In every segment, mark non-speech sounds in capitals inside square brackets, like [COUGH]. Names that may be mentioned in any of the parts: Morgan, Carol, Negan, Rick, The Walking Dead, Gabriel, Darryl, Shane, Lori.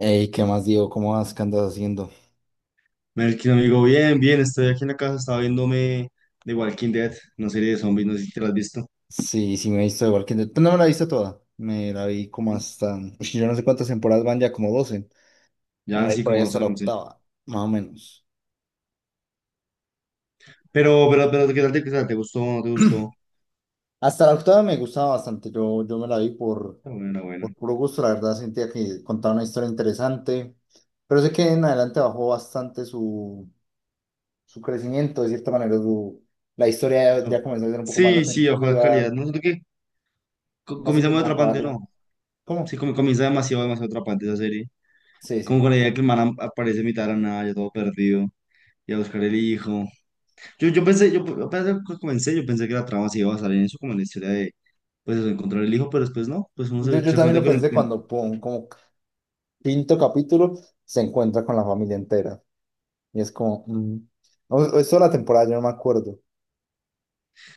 Ey, ¿qué más digo? ¿Cómo vas? ¿Qué andas haciendo? Melkin, amigo, bien, bien, estoy aquí en la casa, estaba viéndome The Walking Dead, una serie de Sí. zombies, no sé si te la has visto. Sí, sí, me he visto igual que pues no me la he visto toda. Me la vi como hasta. Ush, yo no sé cuántas temporadas van ya, como 12. Me Ya la han vi sí, por ahí como hasta 12, la 11. octava, más o menos. Pero, ¿qué tal qué tal? ¿Te gustó? ¿No te gustó? Hasta la octava me gustaba bastante. Yo me la vi por, Está buena, buena. por puro gusto. La verdad sentía que contaba una historia interesante. Pero sé que en adelante bajó bastante su, su crecimiento, de cierta manera. La historia ya No. comenzó a ser un poco más Sí, sí, ojalá repetitiva. calidad. No siento que No comienza muy supieron atrapante, acabarla. no. Sí, ¿Cómo? Comienza demasiado atrapante esa serie. Sí, Como con sí. la idea de que el man aparece en mitad de la nada, ya todo perdido, y a buscar el hijo. Yo pensé, cuando comencé, yo pensé que la trama se iba a basar en eso, como en la historia de, pues, eso, encontrar el hijo, pero después no, pues uno Yo, yo se también cuenta lo que lo pensé encuentra. cuando, pum, como quinto capítulo, se encuentra con la familia entera. Y es como, o es toda la temporada, yo no me acuerdo.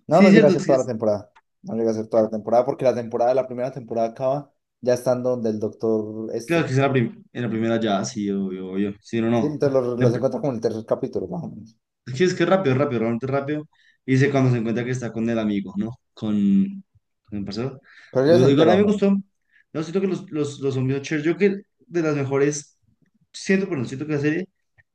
No, Sí, no llega a cierto, ser es que toda la es- temporada. No llega a ser toda la temporada porque la temporada, la primera temporada acaba ya estando donde el doctor claro este. que es en la, en la primera ya, sí, obvio, obvio, sí, no, Sí, no. entonces los, La los pr- encuentra como en el tercer capítulo, más o menos. es que es rápido, rápido, realmente rápido. Y dice cuando se encuentra que está con el amigo, ¿no? Con el parcero. Pero ya se Duro, igual, a mí enteró, me ¿no? gustó. No, siento que los zombies Cher, yo creo que de las mejores, siento, perdón, siento que la serie,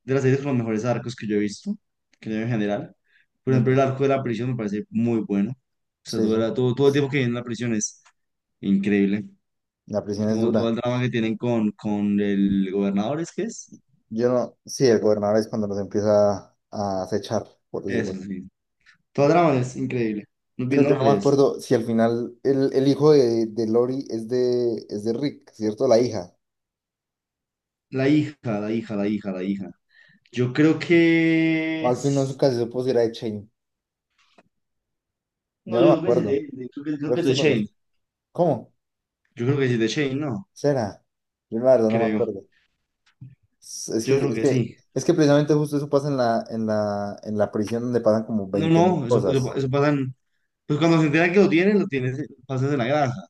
de las series con los mejores arcos que yo he visto, que yo en general. Por De ejemplo, que, el arco de la prisión me parece muy bueno. O sea, sí, sí, todo el tiempo que viene en la prisión es increíble. la prisión es Como todo dura. el drama que tienen con el gobernador, ¿es que es? Yo no, sí, el gobernador es cuando los empieza a acechar, por decirlo. Eso, sí. Todo el drama es increíble. No, Yo, no yo lo no me crees. acuerdo si al final el hijo de Lori es de Rick, ¿cierto? La hija. La hija. Yo creo que... O al fin no nunca se supo si era de Shane. No, Yo no me yo creo que sí es de, acuerdo. de creo Creo que que es eso de lo… Shane. ¿Cómo? Yo creo que sí es de Shane, ¿no? ¿Será? Yo la verdad no me Creo. acuerdo. Es es que, Yo creo es que que, sí. es que precisamente justo eso pasa en la prisión donde pasan como No, veinte mil no, cosas. eso pasa en... Pues cuando se entera que lo lo tienes, pasas en la granja.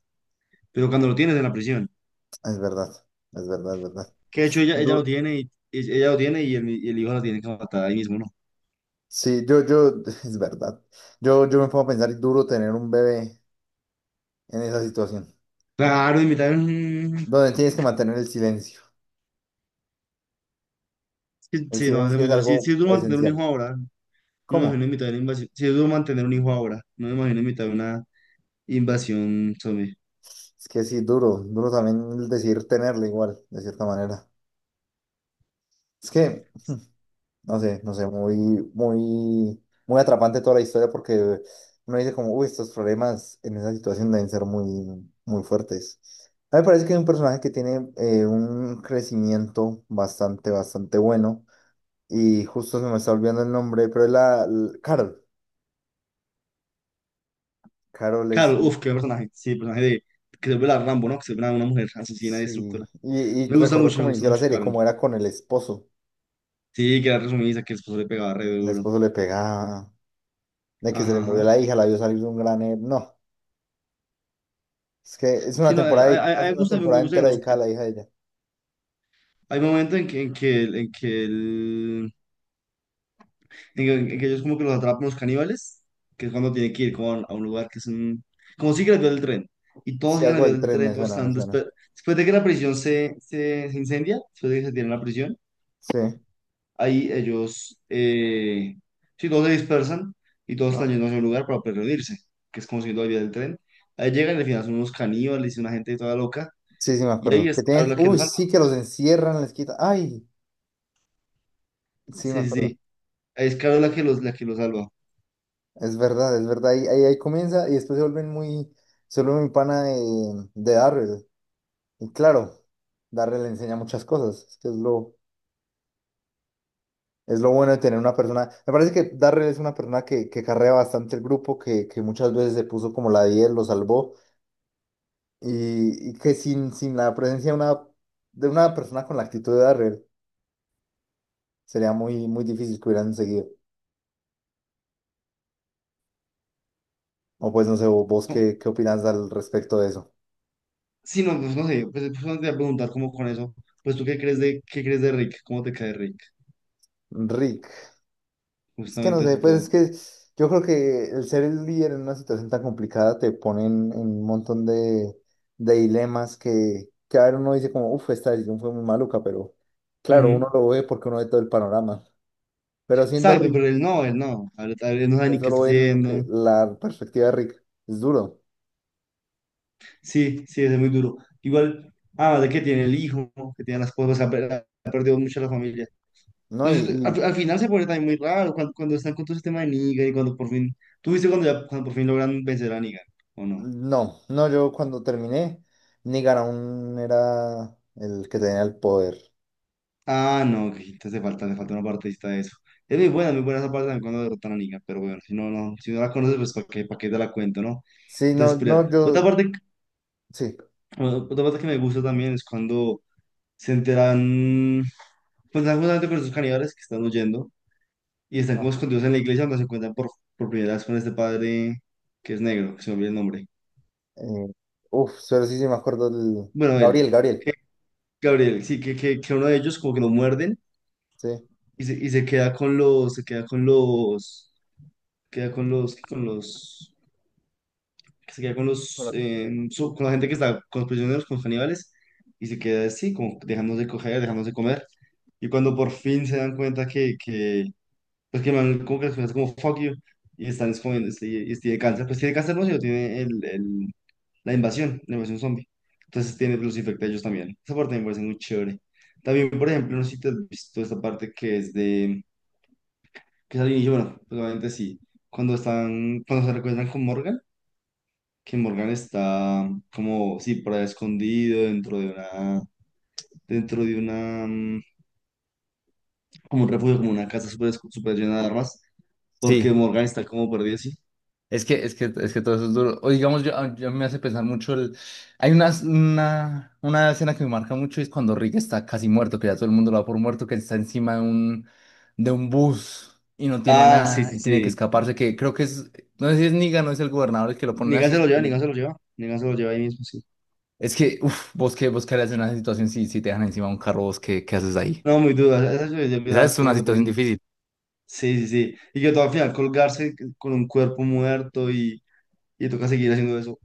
Pero cuando lo tienes en la prisión. Es verdad, es verdad, es verdad. Que de hecho ella lo Du- tiene y el, y el hijo la tiene que matar ahí mismo, ¿no? sí, [LAUGHS] es verdad. Yo me pongo a pensar, duro tener un bebé en esa situación, Claro, invitar. donde tienes que mantener el silencio. Sí, El sí, no, hace silencio es mucho. Sí, sí algo es duro mantener un hijo esencial. ahora. No me ¿Cómo? imagino en mitad de una invasión. Sí es duro mantener un hijo ahora. No me imagino en mitad de una invasión zombie. Es que sí, duro, duro también el decir tenerlo igual, de cierta manera. Es que, no sé, no sé, muy, muy, muy atrapante toda la historia porque uno dice como, uy, estos problemas en esa situación deben ser muy, muy fuertes. A mí me parece que es un personaje que tiene un crecimiento bastante, bastante bueno y justo se me está olvidando el nombre, pero es la Carol. Carol es, Claro, uff, qué personaje. Sí, el personaje de que se vuelve la Rambo, ¿no? Que se vuelve una mujer asesina y sí, destructora. y recordar Me cómo gusta inició la mucho, serie, Carol. cómo era con el esposo. Sí, que era resumida, que el esposo le pegaba re El duro. esposo le pegaba, de que se le Ajá, murió ajá. la hija, la vio salir de un gran… No, es que es una Sí, no, temporada, de- es a mí una temporada me gusta, entera digamos, dedicada que a la hija de ella. hay momentos en en que él Digo, que ellos como que los atrapan los caníbales, que es cuando tiene que ir con a un lugar que es un... Como siguen las vías del tren. Y todos Sí, siguen las algo del vías del tren tren, me todos suena, me están... suena. Después, después de que la prisión se incendia, después de que se tiene la prisión, Sí. ahí ellos... sí, todos se dispersan y todos están Ah, yendo hacia un lugar para pues, reunirse, que es como siguiendo las vías del tren. Ahí llegan y al final son unos caníbales y una gente toda loca. sí, sí, me Y ahí acuerdo. es Que Carol tienen… la que los Uy, salva. sí, que los encierran, les quitan… Ay, sí, me Sí, sí, acuerdo. sí. Ahí es Carol la que la que los salva. Es verdad, es verdad. Ahí comienza y después se vuelven muy… Se vuelve muy pana de Darryl. Y claro, Darryl le enseña muchas cosas. Es que es lo, es lo bueno de tener una persona. Me parece que Darrell es una persona que carrea bastante el grupo, que muchas veces se puso como la 10, lo salvó. Y que sin, sin la presencia de una persona con la actitud de Darrell, sería muy, muy difícil que hubieran seguido. O pues no sé, vos qué, qué opinas al respecto de eso. Sí, no, pues no sé, no te voy a preguntar cómo con eso, pues tú qué crees qué crees de Rick, cómo te cae Rick, Rick. Es que no justamente sé, eso pues todo. es que yo creo que el ser el líder en una situación tan complicada te pone en un montón de dilemas que a ver uno dice como, uff, esta decisión fue muy maluca, pero claro, uno Ujú. lo ve porque uno ve todo el panorama. Pero siendo Exacto, Rick, pero él no, a ver, él no sabe que ni qué solo está ve lo que, haciendo, la perspectiva de Rick, es duro, sí, sí, es muy duro. Igual, ah, de que tiene el hijo, que tiene las cosas, ha perdido mucho la familia. ¿no? No Y, sé, y al final se pone también muy raro cuando están con todo ese tema de Negan y cuando por fin, ¿tú viste cuando por fin logran vencer a Negan, o no? no, no, yo cuando terminé, Negan aún era el que tenía el poder. Ah, no, que entonces te falta, le falta una partecita de eso. Es muy buena esa parte también cuando derrotan a Negan, pero bueno, si no, no, si no la conoces, pues para qué te la cuento, ¿no? Sí, no, Entonces, pelear. no, yo, sí. Otra parte que me gusta también es cuando se enteran, pues están justamente con esos caníbales que están huyendo y están como escondidos en la iglesia donde se encuentran por primera vez con este padre que es negro, que se me olvida el nombre. Eh, uf, solo sí, sí me acuerdo del… Bueno, él, Gabriel, Gabriel, Gabriel, sí, que uno de ellos como que lo muerden sí. y y se queda con los, se queda con los que se queda con los con la gente que está con los prisioneros, con los caníbales, y se queda así, como dejándose coger, dejándose comer. Y cuando por fin se dan cuenta que pues que el man como que es como fuck you, y están escondiendo, y tiene cáncer, pues tiene cáncer, no, sino tiene la invasión zombie. Entonces tiene, los infecta a ellos también. Esa parte me parece muy chévere. También, por ejemplo, no sé si te has visto esta parte que es de, que es al inicio, bueno, probablemente sí, cuando están, cuando se recuerdan con Morgan que Morgan está como, sí, por ahí escondido dentro de una, dentro de una, como un refugio, como una casa súper super llena de armas, porque Sí, Morgan está como perdido, sí. es que todo eso es duro. O digamos, yo, a- yo me hace pensar mucho el… Hay una escena que me marca mucho y es cuando Rick está casi muerto, que ya todo el mundo lo da por muerto, que está encima de un bus y no tiene Ah, sí, nada sí, y tiene que sí. escaparse, que creo que es… No sé si es Negan no es el gobernador el que lo ponen así. Negan se lo lleva ahí mismo, sí. Es que, uff, vos qué harías en una situación si te dejan encima de un carro, vos qué haces ahí. No, muy duda, esa yo vi Esa las es una peores de situación Poniente. difícil. Sí, sí, sí. Y que todo al final colgarse con un cuerpo muerto y toca seguir haciendo eso.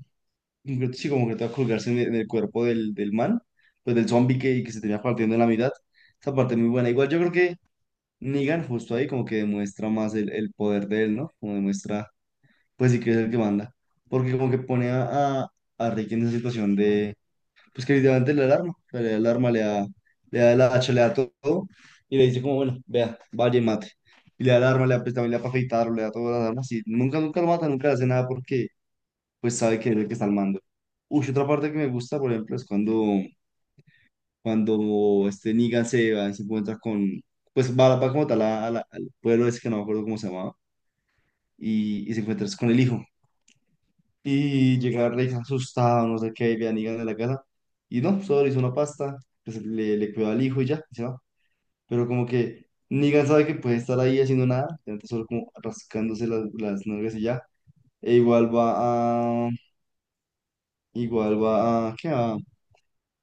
Sí, como que toca colgarse en en el cuerpo del man, pues del zombie que se tenía partiendo en la mitad. Esa parte muy buena. Igual yo creo Negan justo ahí como que demuestra más el poder de él, ¿no? Como demuestra, pues sí que es el que manda. Porque como que pone a Rick en esa situación de, pues que literalmente le da el arma, o sea, le da el arma, le da el hacha, le da todo, y le dice como, bueno, vea, vaya y mate. Y le da el arma, le da, pues, también le da para afeitarlo, le da todas las armas, y nunca, nunca lo mata, nunca le hace nada porque pues sabe que es el que está al mando. Uy, otra parte que me gusta, por ejemplo, es cuando este Negan se va y se encuentra con, pues va, va como tal al pueblo ese que no me acuerdo cómo se llamaba, y se encuentra con el hijo. Y llega Rex asustado, no sé qué, y ve a Negan en la casa, y no, solo le hizo una pasta, pues le cuidó al hijo y ya, y se va. Pero como que Negan sabe que puede estar ahí haciendo nada, entonces solo como rascándose las nalgas y ya. E a, igual va a, ¿qué?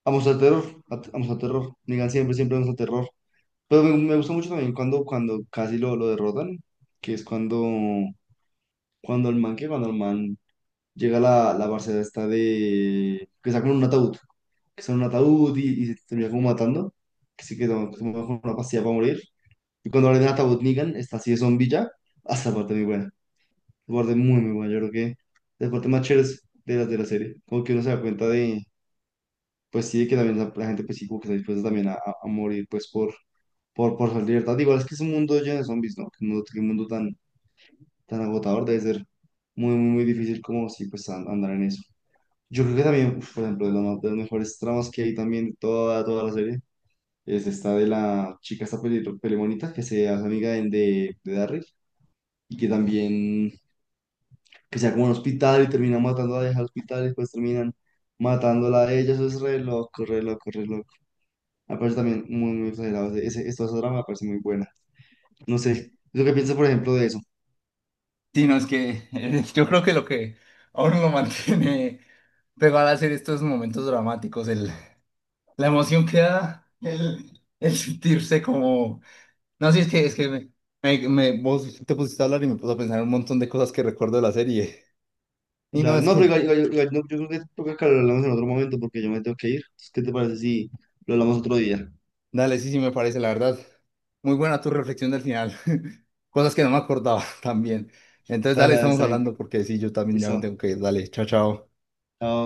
A mostrar terror, a mostrar terror. Negan siempre, siempre muestra terror. Pero me gustó mucho también cuando casi lo derrotan, que es cuando, cuando el man, que cuando el man llega a la parcela esta de... que sacan un ataúd, que son un ataúd y se termina como matando, que sí que toma, que se toma como una pastilla para morir. Y cuando abren el ataúd Negan, está así de zombie ya, hasta parte muy buena, esa parte muy, muy buena, yo creo que es la parte más chévere de de la serie, como que uno se da cuenta de, pues sí, de que también la gente pues sí como que está dispuesta también a morir pues por por su libertad. Igual es que es un mundo lleno de zombies, ¿no? Que mundo tan, tan agotador debe ser muy, muy, muy difícil como si pues andar en eso. Yo creo que también, uf, por ejemplo, de las mejores tramas que hay también de toda, toda la serie es esta de la chica, esta pelimonita, que se hace amiga de Darryl y que también, que sea como en un hospital y termina matando a la hija al hospital y después terminan matándola a ella. Eso es re loco, re loco, re loco. Me parece también muy, muy exagerado. Esa trama me parece muy buena. No sé, ¿tú qué piensas, por ejemplo, de eso? Sí, no, es que [LAUGHS] yo creo que lo que aún lo mantiene pegado a hacer estos momentos dramáticos, el, la emoción que da, el sentirse como… No, sí, es que vos te pusiste a hablar y me puse a pensar un montón de cosas que recuerdo de la serie. Y no, Dale, es no, pero que, igual, no, yo creo que toca que lo hablamos en otro momento porque yo me tengo que ir. Entonces, ¿qué te parece si lo hablamos otro día? dale, sí, sí, me parece, la verdad. Muy buena tu reflexión del final. [LAUGHS] Cosas que no me acordaba [LAUGHS] también. Entonces, dale, Dale, dale, estamos está bien. hablando porque sí, yo también ya me Listo. tengo que ir. Dale, chao, chao. Chao.